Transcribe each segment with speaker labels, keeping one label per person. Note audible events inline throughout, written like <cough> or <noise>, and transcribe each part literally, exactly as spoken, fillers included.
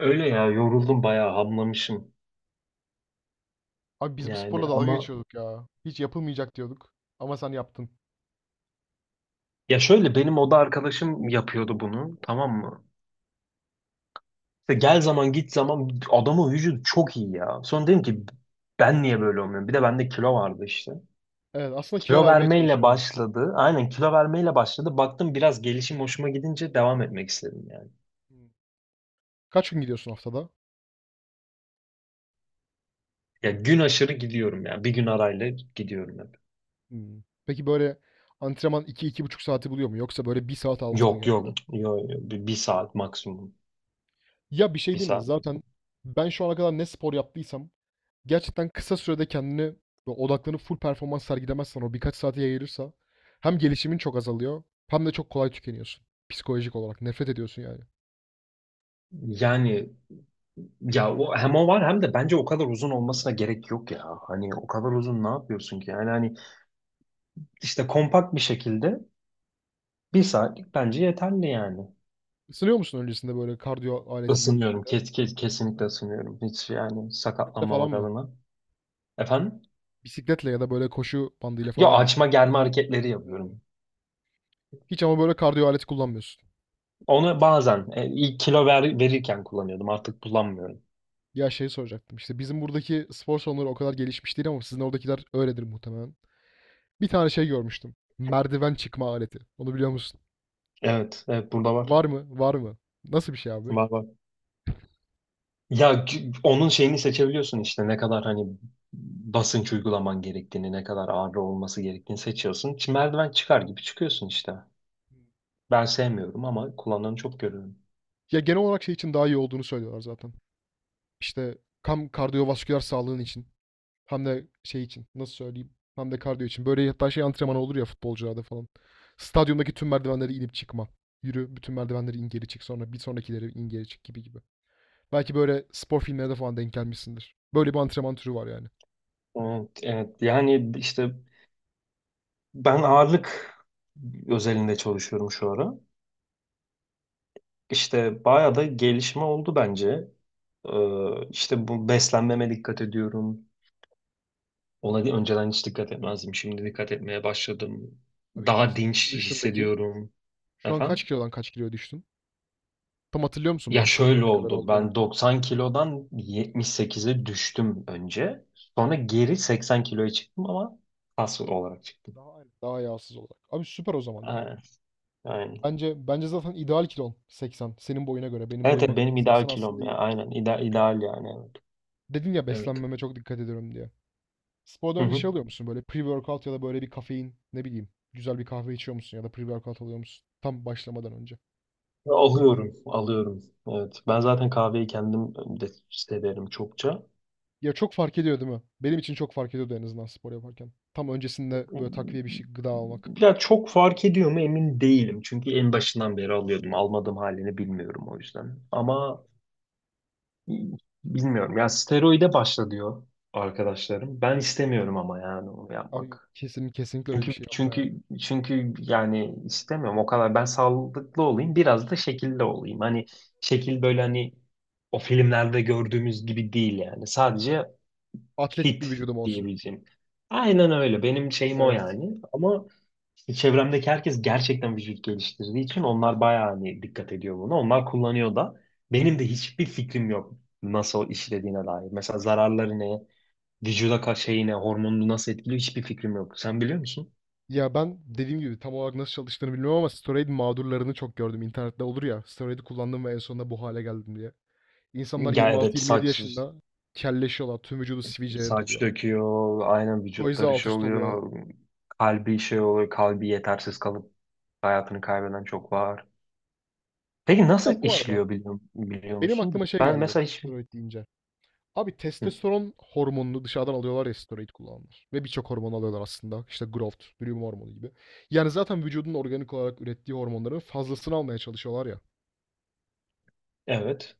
Speaker 1: Öyle ya, yoruldum, bayağı hamlamışım.
Speaker 2: Abi biz bu
Speaker 1: Yani,
Speaker 2: sporla dalga
Speaker 1: ama.
Speaker 2: geçiyorduk ya. Hiç yapılmayacak diyorduk ama sen yaptın.
Speaker 1: Ya şöyle, benim oda arkadaşım yapıyordu bunu, tamam mı? İşte gel zaman git zaman adamın vücudu çok iyi ya. Sonra dedim ki ben niye böyle olmuyorum? Bir de bende kilo vardı işte.
Speaker 2: Evet, aslında kilo
Speaker 1: Kilo
Speaker 2: vermeye
Speaker 1: vermeyle
Speaker 2: çalışıyordun.
Speaker 1: başladı. Aynen, kilo vermeyle başladı. Baktım, biraz gelişim hoşuma gidince devam etmek istedim yani.
Speaker 2: Hımm. Kaç gün gidiyorsun haftada?
Speaker 1: Ya gün aşırı gidiyorum ya. Bir gün arayla gidiyorum hep.
Speaker 2: Hımm. Peki, böyle, antrenman iki iki buçuk saati buluyor mu yoksa, böyle, bir saat altı mı
Speaker 1: Yok yok.
Speaker 2: genelde?
Speaker 1: Yok, yok. Bir, bir saat maksimum.
Speaker 2: Ya, bir şey
Speaker 1: Bir
Speaker 2: diyeyim mi?
Speaker 1: saat
Speaker 2: Zaten
Speaker 1: maksimum.
Speaker 2: ben şu ana kadar ne spor yaptıysam gerçekten kısa sürede kendini ve odaklanıp full performans sergilemezsen o birkaç saate yayılırsa hem gelişimin çok azalıyor hem de çok kolay tükeniyorsun psikolojik olarak. Nefret ediyorsun yani.
Speaker 1: Yani, ya o, hem o var hem de bence o kadar uzun olmasına gerek yok ya. Hani o kadar
Speaker 2: Değil mi?
Speaker 1: uzun ne yapıyorsun ki? Yani hani, işte kompakt bir şekilde bir saatlik bence yeterli yani.
Speaker 2: Isınıyor musun öncesinde, böyle, kardiyo aleti gibi bir
Speaker 1: Isınıyorum.
Speaker 2: şeyde?
Speaker 1: Kes, kes, kesinlikle ısınıyorum. Hiç, yani
Speaker 2: Kütle falan
Speaker 1: sakatlanmamak
Speaker 2: mı?
Speaker 1: adına. Efendim?
Speaker 2: Bisikletle ya da böyle koşu bandıyla
Speaker 1: Ya,
Speaker 2: falan mı?
Speaker 1: açma germe hareketleri
Speaker 2: Hmm.
Speaker 1: yapıyorum.
Speaker 2: Hiç ama böyle kardiyo aleti kullanmıyorsun.
Speaker 1: Onu bazen, e, ilk kilo ver, verirken kullanıyordum. Artık kullanmıyorum.
Speaker 2: Ya şey soracaktım. İşte bizim buradaki spor salonları o kadar gelişmiş değil ama sizin oradakiler öyledir muhtemelen. Bir tane şey görmüştüm. Merdiven çıkma aleti. Onu biliyor musun?
Speaker 1: Evet, evet, burada var.
Speaker 2: Var mı? Var mı? Nasıl bir şey abi?
Speaker 1: Var var. Ya c- onun şeyini seçebiliyorsun işte, ne kadar hani basınç uygulaman gerektiğini, ne kadar ağır olması gerektiğini seçiyorsun. Çi- Merdiven çıkar gibi çıkıyorsun işte. Ben sevmiyorum ama kullananı çok görüyorum.
Speaker 2: Ya genel olarak şey için daha iyi olduğunu söylüyorlar zaten. İşte kam kardiyovasküler sağlığın için. Hem de şey için nasıl söyleyeyim? Hem de kardiyo için. Böyle hatta şey antrenmanı olur ya futbolcularda falan. Stadyumdaki tüm merdivenleri inip çıkma. Yürü bütün merdivenleri in geri çık sonra bir sonrakileri in geri çık gibi gibi. Belki böyle spor filmlerine de falan denk gelmişsindir. Böyle bir antrenman türü var yani.
Speaker 1: Evet, evet. Yani işte, ben ağırlık özelinde çalışıyorum şu ara. İşte bayağı da gelişme oldu bence. Ee, işte bu, beslenmeme dikkat ediyorum. Ona di- önceden hiç dikkat etmezdim. Şimdi dikkat etmeye başladım.
Speaker 2: Abi
Speaker 1: Daha
Speaker 2: kaçta
Speaker 1: dinç
Speaker 2: düştün peki?
Speaker 1: hissediyorum.
Speaker 2: Şu an kaç
Speaker 1: Efendim?
Speaker 2: kilodan kaç kiloya düştün? Tam hatırlıyor musun
Speaker 1: Ya
Speaker 2: başladığında
Speaker 1: şöyle
Speaker 2: ne kadar
Speaker 1: oldu.
Speaker 2: olduğunu?
Speaker 1: Ben doksan kilodan yetmiş sekize düştüm önce. Sonra geri seksen kiloya çıktım ama kas olarak çıktım.
Speaker 2: Daha aynı. Daha yağsız olarak. Abi süper o zaman ya.
Speaker 1: Aynen. Aynen.
Speaker 2: Bence bence zaten ideal kilon seksen. Senin boyuna göre, benim
Speaker 1: Evet,
Speaker 2: boyuma
Speaker 1: evet,
Speaker 2: göre
Speaker 1: benim ideal
Speaker 2: seksen aslında
Speaker 1: kilom ya.
Speaker 2: iyi.
Speaker 1: Aynen. İdeal, ideal yani. Evet.
Speaker 2: Dedin ya
Speaker 1: Evet.
Speaker 2: beslenmeme çok dikkat ediyorum diye.
Speaker 1: Hı
Speaker 2: Spordan önce şey
Speaker 1: hı.
Speaker 2: alıyor musun böyle pre-workout ya da böyle bir kafein ne bileyim güzel bir kahve içiyor musun ya da pre-workout alıyor musun tam başlamadan önce?
Speaker 1: Ya Alıyorum. Alıyorum. Evet. Ben zaten kahveyi kendim de severim çokça.
Speaker 2: Ya çok fark ediyor değil mi? Benim için çok fark ediyordu en azından spor yaparken. Tam öncesinde böyle takviye bir şey gıda almak.
Speaker 1: Ya, çok fark ediyor mu emin değilim. Çünkü en başından beri alıyordum. Almadığım halini bilmiyorum, o yüzden. Ama bilmiyorum. Ya, steroide başla diyor arkadaşlarım. Ben istemiyorum ama, yani onu
Speaker 2: Abi yok
Speaker 1: yapmak.
Speaker 2: kesin kesinlikle öyle bir
Speaker 1: Çünkü
Speaker 2: şey yapma ya.
Speaker 1: çünkü çünkü yani, istemiyorum o kadar. Ben sağlıklı olayım, biraz da şekilli olayım. Hani, şekil böyle, hani o filmlerde gördüğümüz gibi değil yani. Sadece
Speaker 2: Atletik bir
Speaker 1: kit
Speaker 2: vücudum olsun.
Speaker 1: diyebileceğim. Aynen öyle. Benim şeyim o
Speaker 2: Evet.
Speaker 1: yani. Ama işte çevremdeki herkes gerçekten vücut geliştirdiği için onlar bayağı hani dikkat ediyor buna. Onlar kullanıyor da. Benim de hiçbir fikrim yok nasıl işlediğine dair. Mesela zararları ne, vücuda ka şeyi ne, hormonunu nasıl etkiliyor, hiçbir fikrim yok. Sen biliyor musun?
Speaker 2: Ya ben dediğim gibi tam olarak nasıl çalıştığını bilmiyorum ama Storade mağdurlarını çok gördüm. İnternette olur ya. Storade'i kullandım ve en sonunda bu hale geldim diye. İnsanlar
Speaker 1: Ya evet,
Speaker 2: yirmi altı yirmi yedi
Speaker 1: saç
Speaker 2: yaşında kelleşiyorlar. Tüm vücudu sivilceye
Speaker 1: saç
Speaker 2: doluyor.
Speaker 1: döküyor, aynen,
Speaker 2: O
Speaker 1: vücutları
Speaker 2: alt
Speaker 1: şey
Speaker 2: üst oluyor.
Speaker 1: oluyor, kalbi şey oluyor, kalbi yetersiz kalıp hayatını kaybeden çok var. Peki
Speaker 2: Ya
Speaker 1: nasıl
Speaker 2: bu arada
Speaker 1: işliyor, biliyor, biliyor
Speaker 2: benim
Speaker 1: musun?
Speaker 2: aklıma şey
Speaker 1: Ben
Speaker 2: geldi
Speaker 1: mesela hiç...
Speaker 2: steroid deyince. Abi
Speaker 1: Hı,
Speaker 2: testosteron hormonunu dışarıdan alıyorlar ya steroid kullananlar. Ve birçok hormon alıyorlar aslında. İşte growth, büyüme hormonu gibi. Yani zaten vücudun organik olarak ürettiği hormonların fazlasını almaya çalışıyorlar ya.
Speaker 1: evet.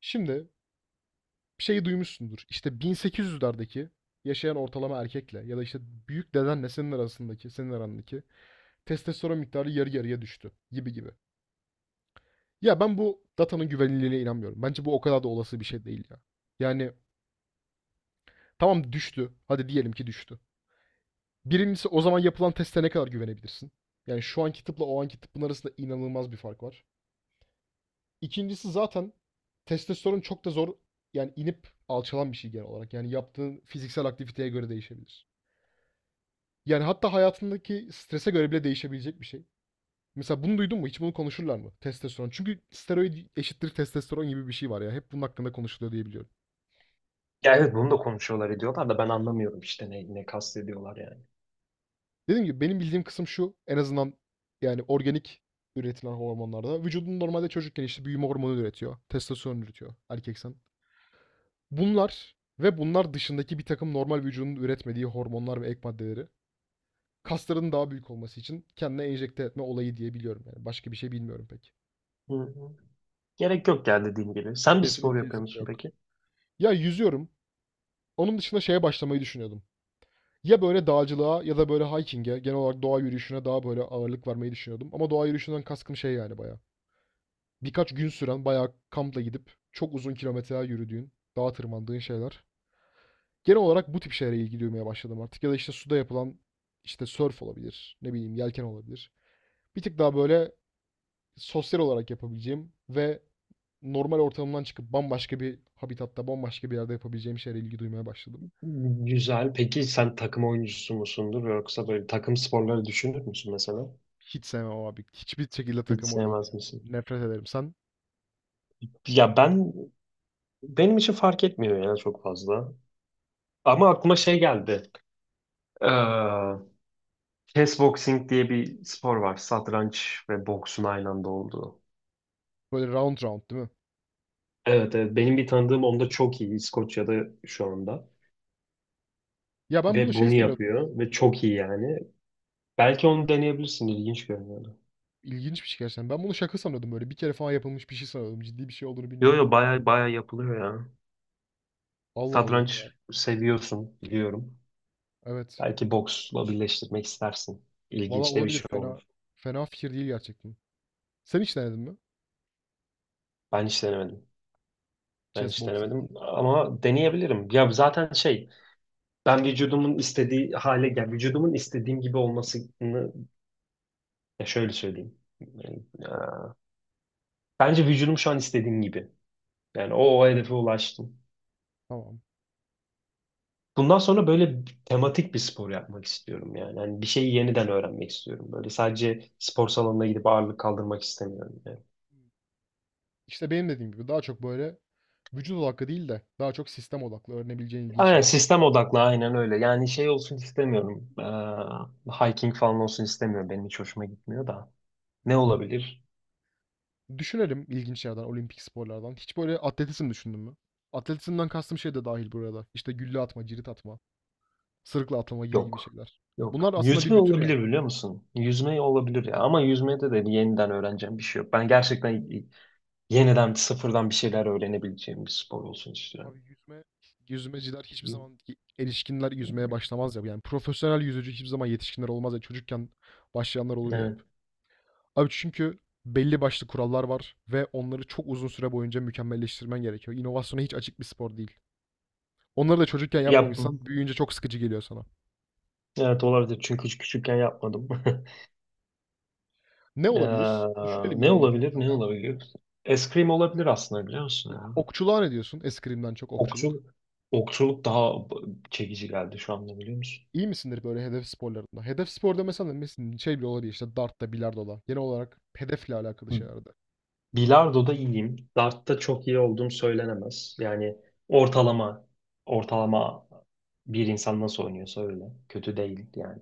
Speaker 2: Şimdi şeyi duymuşsundur. İşte bin sekiz yüzlerdeki yaşayan ortalama erkekle ya da işte büyük dedenle senin arasındaki, senin arandaki testosteron miktarı yarı yarıya düştü gibi gibi. Ya ben bu datanın güvenilirliğine inanmıyorum. Bence bu o kadar da olası bir şey değil ya. Yani tamam düştü. Hadi diyelim ki düştü. Birincisi o zaman yapılan teste ne kadar güvenebilirsin? Yani şu anki tıpla o anki tıpın arasında inanılmaz bir fark var. İkincisi zaten testosteron çok da zor yani inip alçalan bir şey genel olarak. Yani yaptığın fiziksel aktiviteye göre değişebilir. Yani hatta hayatındaki strese göre bile değişebilecek bir şey. Mesela bunu duydun mu? Hiç bunu konuşurlar mı? Testosteron. Çünkü steroid eşittir testosteron gibi bir şey var ya. Hep bunun hakkında konuşuluyor diye biliyorum.
Speaker 1: Ya evet, bunu da konuşuyorlar ediyorlar da ben anlamıyorum işte, ne, ne kastediyorlar yani.
Speaker 2: Dediğim gibi benim bildiğim kısım şu. En azından yani organik üretilen hormonlarda. Vücudun normalde çocukken işte büyüme hormonu üretiyor. Testosteron üretiyor erkeksen. Bunlar ve bunlar dışındaki bir takım normal vücudun üretmediği hormonlar ve ek maddeleri kasların daha büyük olması için kendine enjekte etme olayı diye biliyorum yani. Başka bir şey bilmiyorum pek.
Speaker 1: Hı hı. Gerek yok ya, dediğim gibi. Sen bir
Speaker 2: Kesinlikle
Speaker 1: spor yapıyor
Speaker 2: kesinlikle
Speaker 1: musun
Speaker 2: yok.
Speaker 1: peki?
Speaker 2: Ya yüzüyorum. Onun dışında şeye başlamayı düşünüyordum. Ya böyle dağcılığa ya da böyle hiking'e, genel olarak doğa yürüyüşüne daha böyle ağırlık vermeyi düşünüyordum. Ama doğa yürüyüşünden kaskım şey yani bayağı. Birkaç gün süren bayağı kampla gidip çok uzun kilometreler yürüdüğün, dağa tırmandığın şeyler. Genel olarak bu tip şeylere ilgi duymaya başladım artık. Ya da işte suda yapılan işte surf olabilir, ne bileyim yelken olabilir. Bir tık daha böyle sosyal olarak yapabileceğim ve normal ortamından çıkıp bambaşka bir habitatta, bambaşka bir yerde yapabileceğim şeylere ilgi duymaya başladım.
Speaker 1: Güzel. Peki sen takım oyuncusu musundur, yoksa böyle takım sporları düşünür müsün mesela?
Speaker 2: Hiç sevmem abi. Hiçbir şekilde
Speaker 1: Hiç
Speaker 2: takım oyunu
Speaker 1: sevmez
Speaker 2: oynayamam.
Speaker 1: misin?
Speaker 2: Nefret ederim. Sen
Speaker 1: Ya ben Benim için fark etmiyor ya, çok fazla. Ama aklıma şey geldi. Ee, Chess boxing diye bir spor var. Satranç ve boksun aynı anda olduğu.
Speaker 2: böyle round round değil mi?
Speaker 1: Evet evet, benim bir tanıdığım onda çok iyi, İskoçya'da şu anda,
Speaker 2: Ya ben bunu
Speaker 1: ve
Speaker 2: şey
Speaker 1: bunu
Speaker 2: sanıyordum ya.
Speaker 1: yapıyor ve çok iyi yani. Belki onu deneyebilirsin, ilginç görünüyordu.
Speaker 2: İlginç bir şey gerçekten. Ben bunu şaka sanıyordum böyle. Bir kere falan yapılmış bir şey sanıyordum. Ciddi bir şey olduğunu
Speaker 1: Yo
Speaker 2: bilmiyordum.
Speaker 1: yo, baya baya yapılıyor ya.
Speaker 2: Allah Allah ya.
Speaker 1: Satranç seviyorsun biliyorum.
Speaker 2: Evet.
Speaker 1: Belki boksla birleştirmek istersin.
Speaker 2: Valla
Speaker 1: İlginç de bir
Speaker 2: olabilir.
Speaker 1: şey
Speaker 2: Fena
Speaker 1: olur.
Speaker 2: fena fikir değil gerçekten. Sen hiç denedin mi?
Speaker 1: Ben hiç denemedim. Ben
Speaker 2: Chess
Speaker 1: hiç
Speaker 2: boxing.
Speaker 1: denemedim ama deneyebilirim. Ya zaten şey, ben vücudumun istediği hale gel vücudumun istediğim gibi olmasını, ya şöyle söyleyeyim. Yani, e, bence vücudum şu an istediğim gibi. Yani o, o hedefe ulaştım.
Speaker 2: Tamam.
Speaker 1: Bundan sonra böyle tematik bir spor yapmak istiyorum yani. Hani, bir şeyi yeniden öğrenmek istiyorum. Böyle sadece spor salonuna gidip ağırlık kaldırmak istemiyorum yani.
Speaker 2: İşte benim dediğim gibi daha çok böyle vücut odaklı değil de daha çok sistem odaklı öğrenebileceğin ilginç
Speaker 1: Aynen,
Speaker 2: şeyler oldu.
Speaker 1: sistem odaklı, aynen öyle. Yani şey olsun istemiyorum. Ee, hiking falan olsun istemiyorum. Benim hiç hoşuma gitmiyor da. Ne olabilir?
Speaker 2: Düşünelim ilginç yerden, olimpik sporlardan. Hiç böyle atletizm düşündün mü? Atletizmden kastım şey de dahil burada, arada. İşte gülle atma, cirit atma, sırıkla atlama gibi gibi
Speaker 1: Yok.
Speaker 2: şeyler.
Speaker 1: Yok.
Speaker 2: Bunlar aslında bir
Speaker 1: Yüzme
Speaker 2: bütün ya.
Speaker 1: olabilir, biliyor musun? Yüzme olabilir ya. Ama yüzmede de bir yeniden öğreneceğim bir şey yok. Ben gerçekten yeniden sıfırdan bir şeyler öğrenebileceğim bir spor olsun istiyorum.
Speaker 2: Abi yüzme, yüzmeciler hiçbir zaman ki- erişkinler yüzmeye başlamaz ya. Yani profesyonel yüzücü hiçbir zaman yetişkinler olmaz ya. Çocukken başlayanlar olur ya
Speaker 1: Evet.
Speaker 2: hep. Abi çünkü belli başlı kurallar var ve onları çok uzun süre boyunca mükemmelleştirmen gerekiyor. İnovasyona hiç açık bir spor değil. Onları da çocukken
Speaker 1: Yap.
Speaker 2: yapmamışsan büyüyünce çok sıkıcı geliyor sana.
Speaker 1: Evet, olabilir, çünkü hiç küçükken yapmadım. <laughs>
Speaker 2: Ne olabilir?
Speaker 1: Ee,
Speaker 2: Düşünelim
Speaker 1: Ne
Speaker 2: yine
Speaker 1: olabilir? Ne
Speaker 2: olimpiyatlardan.
Speaker 1: olabilir? Eskrim olabilir aslında, biliyor musun ya?
Speaker 2: Okçuluğa ne diyorsun? Eskrimden çok okçuluk.
Speaker 1: Okçuluk, okçuluk daha b- çekici geldi şu anda, biliyor musun?
Speaker 2: İyi misindir böyle hedef sporlarında? Hedef sporda mesela mesela şey bile olabilir işte dartta, bilardoda. Genel olarak hedefle alakalı
Speaker 1: Hı.
Speaker 2: şeylerde.
Speaker 1: Bilardo'da iyiyim. Dart'ta çok iyi olduğum söylenemez. Yani ortalama ortalama bir insan nasıl oynuyorsa öyle. Kötü değil yani.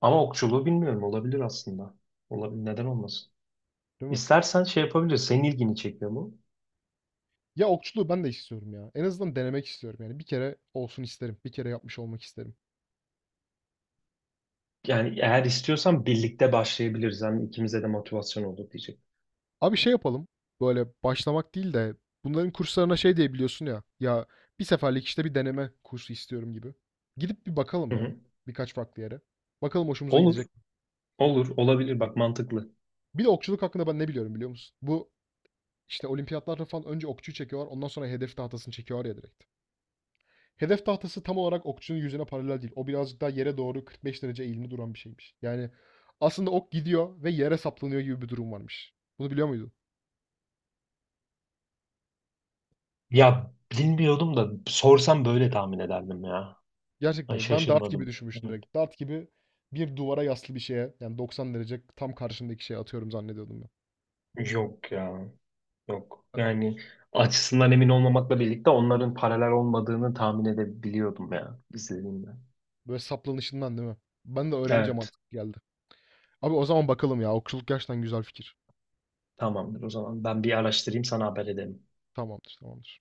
Speaker 1: Ama okçuluğu bilmiyorum, olabilir aslında. Olabilir, neden olmasın?
Speaker 2: Değil mi?
Speaker 1: İstersen şey yapabiliriz. Senin ilgini çekiyor mu?
Speaker 2: Ya okçuluğu ben de istiyorum ya. En azından denemek istiyorum yani. Bir kere olsun isterim. Bir kere yapmış olmak isterim.
Speaker 1: Yani eğer istiyorsan birlikte başlayabiliriz. Hem ikimize de motivasyon olur diyecek.
Speaker 2: Abi şey yapalım. Böyle başlamak değil de bunların kurslarına şey diye biliyorsun ya. Ya bir seferlik işte bir deneme kursu istiyorum gibi. Gidip bir bakalım
Speaker 1: Hı
Speaker 2: ya.
Speaker 1: hı.
Speaker 2: Birkaç farklı yere. Bakalım hoşumuza
Speaker 1: Olur,
Speaker 2: gidecek mi?
Speaker 1: olur, olabilir. Bak, mantıklı.
Speaker 2: Bir de okçuluk hakkında ben ne biliyorum biliyor musun? Bu işte olimpiyatlarda falan önce okçuyu çekiyorlar ondan sonra hedef tahtasını çekiyorlar ya direkt. Hedef tahtası tam olarak okçunun yüzüne paralel değil. O birazcık daha yere doğru kırk beş derece eğimli duran bir şeymiş. Yani aslında ok gidiyor ve yere saplanıyor gibi bir durum varmış. Bunu biliyor muydun?
Speaker 1: Ya, bilmiyordum da sorsam böyle tahmin ederdim ya.
Speaker 2: Gerçekten
Speaker 1: Ay,
Speaker 2: mi? Ben dart gibi
Speaker 1: şaşırmadım.
Speaker 2: düşünmüştüm
Speaker 1: Evet.
Speaker 2: direkt. Dart gibi bir duvara yaslı bir şeye yani doksan derece tam karşındaki şeye atıyorum zannediyordum ben.
Speaker 1: Yok ya, yok. Yani, açısından emin olmamakla birlikte onların paralel olmadığını tahmin edebiliyordum ya, izlediğimde.
Speaker 2: Böyle saplanışından değil mi? Ben de öğrenince
Speaker 1: Evet,
Speaker 2: mantıklı geldi. Abi o zaman bakalım ya. Okçuluk gerçekten güzel fikir.
Speaker 1: tamamdır o zaman. Ben bir araştırayım, sana haber ederim.
Speaker 2: Tamamdır, tamamdır.